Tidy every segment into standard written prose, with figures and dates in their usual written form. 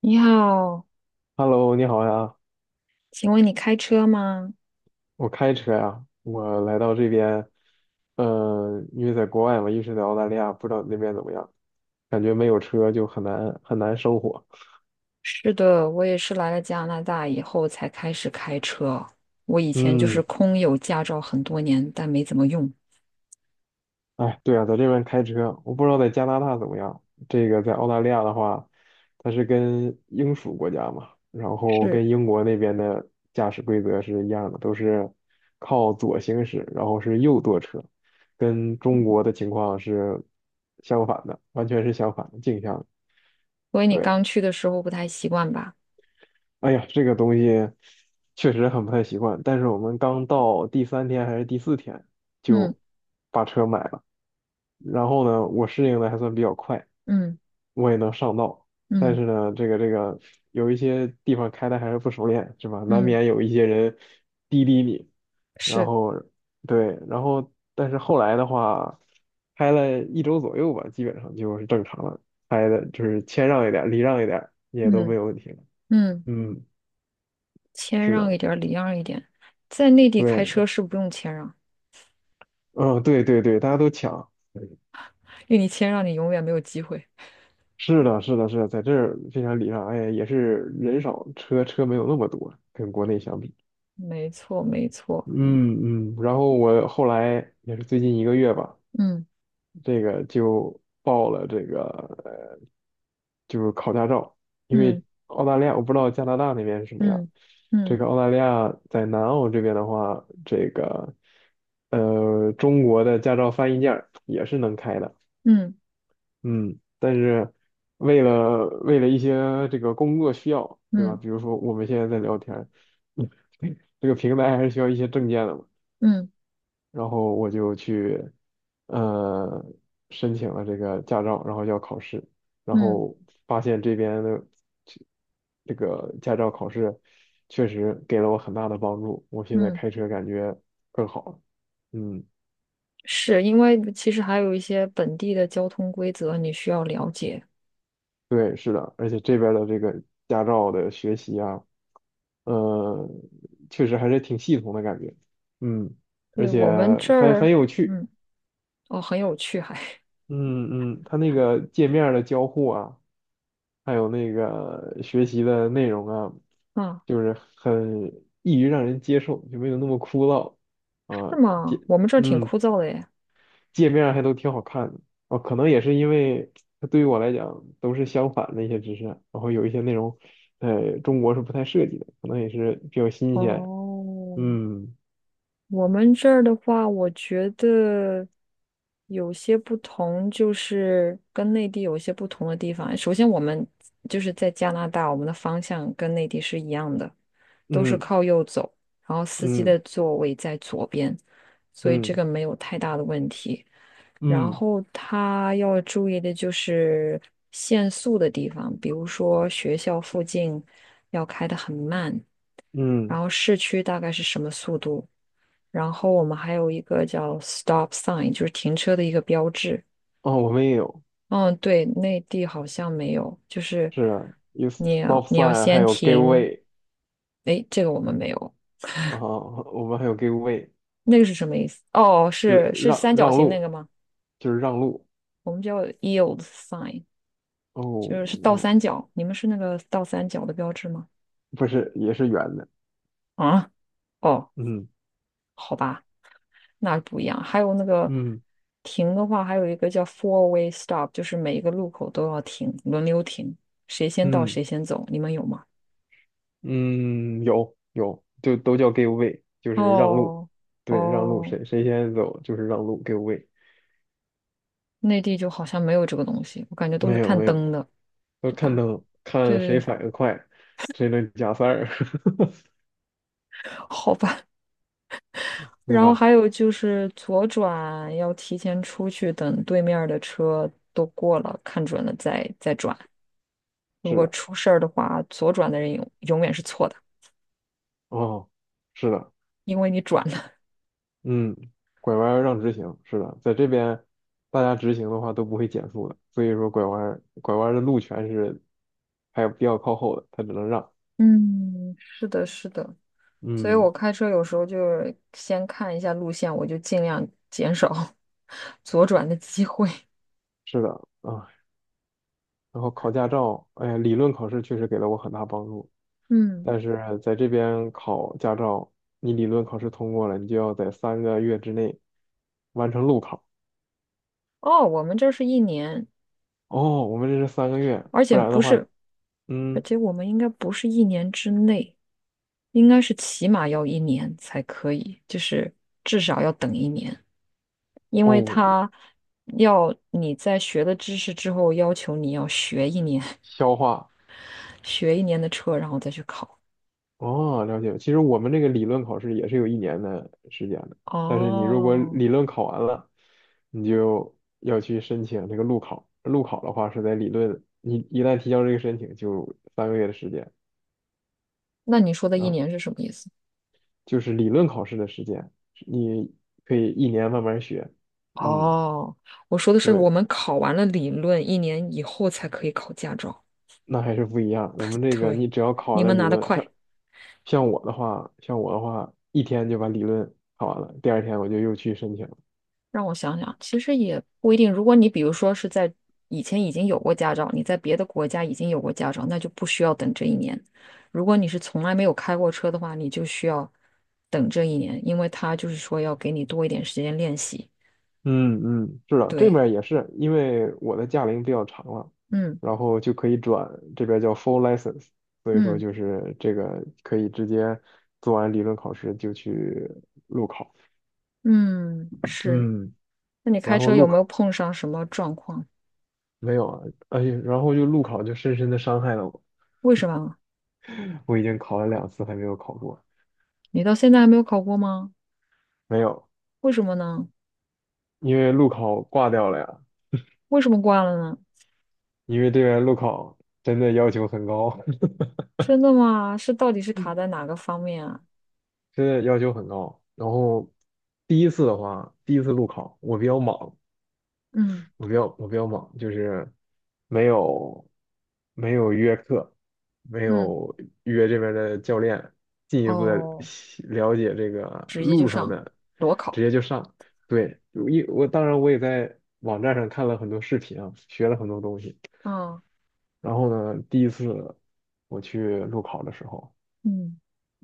你好，Hello，你好呀，请问你开车吗？我开车呀，我来到这边，因为在国外嘛，一直在澳大利亚，不知道那边怎么样，感觉没有车就很难很难生活。是的，我也是来了加拿大以后才开始开车。我以前就是嗯。空有驾照很多年，但没怎么用。哎，对啊，在这边开车，我不知道在加拿大怎么样。这个在澳大利亚的话，它是跟英属国家嘛，然后是，跟英国那边的驾驶规则是一样的，都是靠左行驶，然后是右舵车，跟中国的情况是相反的，完全是相反的镜像的。所以你对。刚去的时候不太习惯吧？哎呀，这个东西确实很不太习惯，但是我们刚到第三天还是第四天嗯就把车买了，然后呢，我适应的还算比较快，嗯我也能上道，但嗯是呢，这个有一些地方开的还是不熟练，是吧？难嗯，免有一些人滴滴你，然是，后对。然后但是后来的话，开了一周左右吧，基本上就是正常了，开的就是谦让一点，礼让一点也都没嗯有问题了。嗯，嗯，谦是让一的。点儿，礼让一点。在内地开对。车是不用谦让，嗯，对对对，大家都抢。因为你谦让，你永远没有机会。是的，是的，是的，在这儿非常礼让。哎，也是人少，车没有那么多，跟国内相比。没错，没错。嗯嗯。然后我后来也是最近一个月吧，嗯这个就报了这个呃就是考驾照，因嗯为澳大利亚我不知道加拿大那边是什么样。嗯这嗯个澳大利亚在南澳这边的话，这个中国的驾照翻译件儿也是能开的。嗯嗯，但是为了一些这个工作需要，对吧？嗯比如说我们现在在聊天儿，嗯，这个平台还是需要一些证件的嘛。嗯嗯然后我就去呃申请了这个驾照，然后要考试，然嗯后发现这边的这这个驾照考试确实给了我很大的帮助，我现在嗯。开车感觉更好了。嗯。是因为其实还有一些本地的交通规则你需要了解。对，是的，而且这边儿的这个驾照的学习啊，呃，确实还是挺系统的感觉。嗯，而对，且我们这还儿，很有趣。嗯，哦，很有趣还，嗯嗯，它那个界面儿的交互啊，还有那个学习的内容啊，啊，就是很易于让人接受，就没有那么枯燥是啊。吗？接，我们这儿挺嗯，枯燥的耶。界面还都挺好看的。哦，可能也是因为它对于我来讲都是相反的一些知识，然后有一些内容，中国是不太涉及的，可能也是比较新鲜。哦，嗯我们这儿的话，我觉得有些不同，就是跟内地有些不同的地方。首先，我们就是在加拿大，我们的方向跟内地是一样的，都是嗯靠右走，然后司机嗯的座位在左边，所以这嗯个没有太大的问题。然嗯后他要注意的就是限速的地方，比如说学校附近要开得很慢，然嗯。后市区大概是什么速度？然后我们还有一个叫 stop sign，就是停车的一个标志。哦，我们也有。嗯，对，内地好像没有，就是是啊，有 你要 stop 你要 sign，还先有 give 停。way。 诶，这个我们没有，啊，我们还有 give way，那个是什么意思？哦，就是是是让三角让形那个路，吗？就是让路。我们叫 yield sign，哦。就是是倒哦，三角。你们是那个倒三角的标志吗？不是，也是圆的。啊，哦，嗯好吧，那不一样。还有那个嗯停的话，还有一个叫 four way stop，就是每一个路口都要停，轮流停，谁先到嗯。谁先走。你们有吗？嗯，有，就都叫 give way，就是让路。哦对，让路，哦，谁先走就是让路，give way。内地就好像没有这个东西，我感觉都是没有看没有，灯的。要看灯，看谁对对，反应快，谁能加塞儿。好吧。对然后吧？还有就是左转要提前出去，等对面儿的车都过了，看准了再转。如是果的。出事儿的话，左转的人永远是错的，哦，是的。因为你转了。嗯，拐弯儿让直行，是的，在这边大家直行的话都不会减速的，所以说拐弯儿的路权是还有比较靠后的，他只能让。嗯，是的，是的，所以嗯，我开车有时候就是先看一下路线，我就尽量减少 左转的机会。是的。啊，然后考驾照，哎呀，理论考试确实给了我很大帮助，嗯，但是在这边考驾照，你理论考试通过了，你就要在三个月之内完成路考。哦，我们这是一年，哦，我们这是三个月，而不且然不的话，是，而嗯。且我们应该不是一年之内，应该是起码要一年才可以，就是至少要等一年，因为哦，他要你在学了知识之后，要求你要学一年，消化。学一年的车，然后再去考。哦，了解。其实我们这个理论考试也是有一年的时间的，但是你如果哦，理论考完了，你就要去申请这个路考。路考的话是在理论，你一旦提交这个申请，就三个月的时间。那你说的然一后。年是什么意思？就是理论考试的时间，你可以一年慢慢学。嗯，哦，我说的是我对。们考完了理论，一年以后才可以考驾照。那还是不一样。我们这个，对，你只要考你了们理拿得论，像快。像我的话，像我的话，一天就把理论考完了，第二天我就又去申请了。让我想想，其实也不一定。如果你比如说是在以前已经有过驾照，你在别的国家已经有过驾照，那就不需要等这一年。如果你是从来没有开过车的话，你就需要等这一年，因为他就是说要给你多一点时间练习。嗯嗯，是的，这对，边儿也是，因为我的驾龄比较长了，嗯然后就可以转，这边儿叫 full license，所以说嗯就是这个可以直接做完理论考试就去路考。嗯，是。嗯，那你开然后车路有没有考。碰上什么状况？没有啊，而且然后就路考就深深的伤害了我，为什么啊？我已经考了2次还没有考过。你到现在还没有考过吗？没有，为什么呢？因为路考挂掉了呀，为什么挂了呢？因为这边路考真的要求很高。真的吗？是到底是卡在哪个方面啊？真的要求很高。然后第一次的话，第一次路考我比较莽，嗯我比较忙，就是没有没有约课，没嗯，有约这边的教练进一步的哦，了解这个直接就路上上的，裸直考。接就上。对，一我当然我也在网站上看了很多视频啊，学了很多东西。啊，然后呢，第一次我去路考的时候，嗯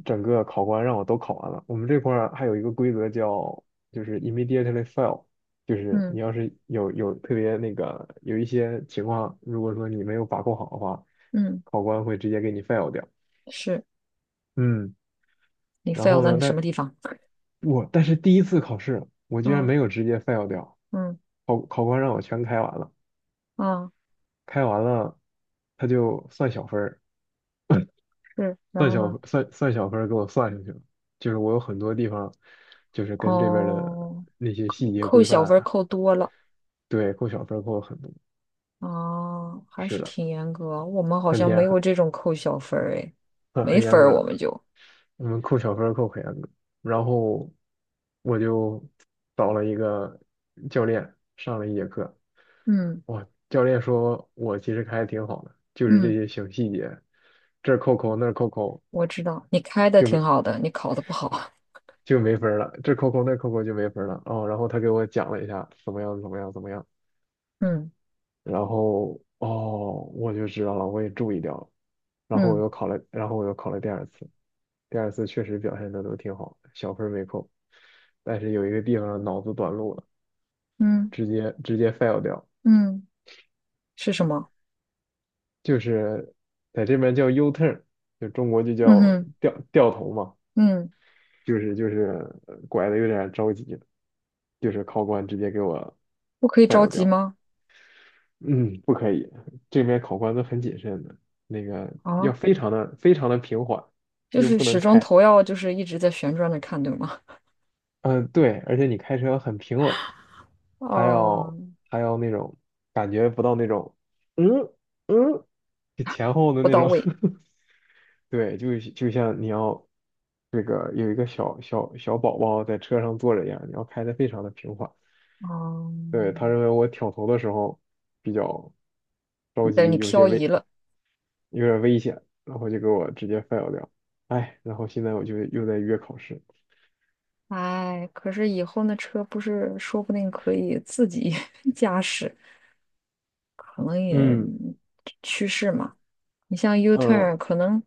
整个考官让我都考完了。我们这块儿还有一个规则叫，就是 immediately fail，就是你嗯要是有特别那个有一些情况，如果说你没有把控好的话，嗯，考官会直接给你 fail 掉。是嗯，你 然 fail 后在呢，你什么但地方？我但是第一次考试，我居然啊没有直接 fail 掉，嗯考官让我全开完了，啊，开完了他就算小分儿，是，然算后呢？小算算小分儿给我算上去了，就是我有很多地方，就是跟这边儿的哦，那些细节扣规小范分儿啊。扣多了对，扣小分儿扣了很多。啊，还是是的，挺严格。我们好很像严没很有这种扣小分儿，哎，很没很分严儿格我的，们就我们扣小分儿扣很严格，然后我就找了一个教练上了一节课，嗯哇，教练说我其实开的挺好的，就是这嗯。些小细节，这儿扣扣那儿扣扣。我知道你开的挺就好的，你考的不好。就没分儿了，这扣扣那扣扣就没分儿了哦。然后他给我讲了一下怎么样怎么样怎么样，嗯然后哦我就知道了，我也注意掉了。嗯然后我又考了第二次，第二次确实表现的都挺好，小分儿没扣，但是有一个地方脑子短路了，嗯直接 fail 掉，嗯，是什么？就是在这边叫 U turn，就中国就嗯叫哼掉头嘛，嗯，就是拐的有点着急，就是考官直接给我 不可以着 fail 急掉。吗？嗯，不可以，这边考官都很谨慎的，那个要啊，非常的非常的平缓，你就就是不能始终开。头要就是一直在旋转着看，对吗？嗯，对，而且你开车很平稳，还哦、要还要那种感觉不到那种，嗯嗯，就前后的不那到种。位。对，就像你要这个有一个小宝宝在车上坐着一样，你要开的非常的平缓。哦、对，他认为我挑头的时候比较着你等你急，漂移了。有点危险，然后就给我直接 fail 掉。哎，然后现在我就又在约考试。哎，可是以后那车不是说不定可以自己 驾驶，可能也嗯。趋势嘛。你像 U turn，呃，可能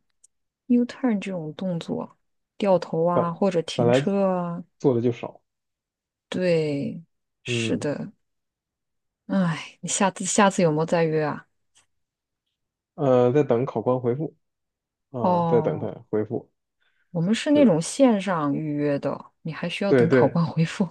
U turn 这种动作，掉头啊，本或者本停来车啊，做的就少。对，是嗯，的。哎，你下次有没有再约啊？在等考官回复啊，在等他哦，回复。我们是是那的，种线上预约的，你还需要对等考对，官 回复。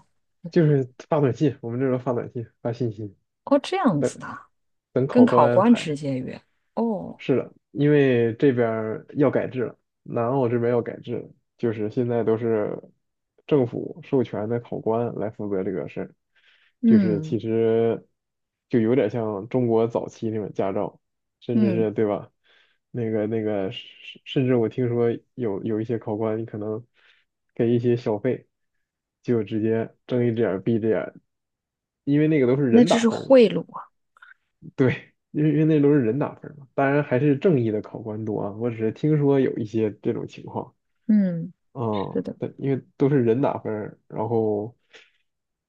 就是发短信，我们这时候发短信，发信息，哦，这样等子的啊等跟考官考安官直排。接约。哦，是的，因为这边儿要改制了，南澳这边要改制了，就是现在都是政府授权的考官来负责这个事儿，就是嗯其实就有点像中国早期那种驾照，甚至嗯，是对吧？那个那个，甚甚至我听说有一些考官，你可能给一些小费，就直接睁一只眼儿闭一只眼儿，因为那个都是那人这打是分儿嘛。贿赂啊。对，因为那都是人打分嘛，当然还是正义的考官多啊。我只是听说有一些这种情况。嗯，嗯，是的，但因为都是人打分儿然后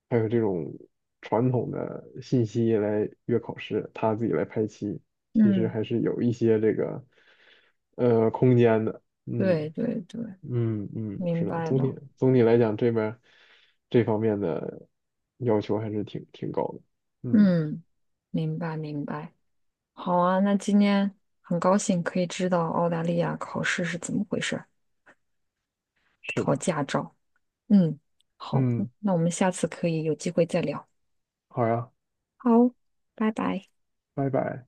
还有这种传统的信息来约考试，他自己来排期，其实嗯，还是有一些这个空间的。嗯对对对，嗯嗯，是明的，白总体了。总体来讲，这边儿这方面的要求还是挺高的。嗯，嗯，明白明白。好啊，那今天很高兴可以知道澳大利亚考试是怎么回事儿，是考的。驾照。嗯，好，嗯，那我们下次可以有机会再聊。好呀。好，拜拜。拜拜。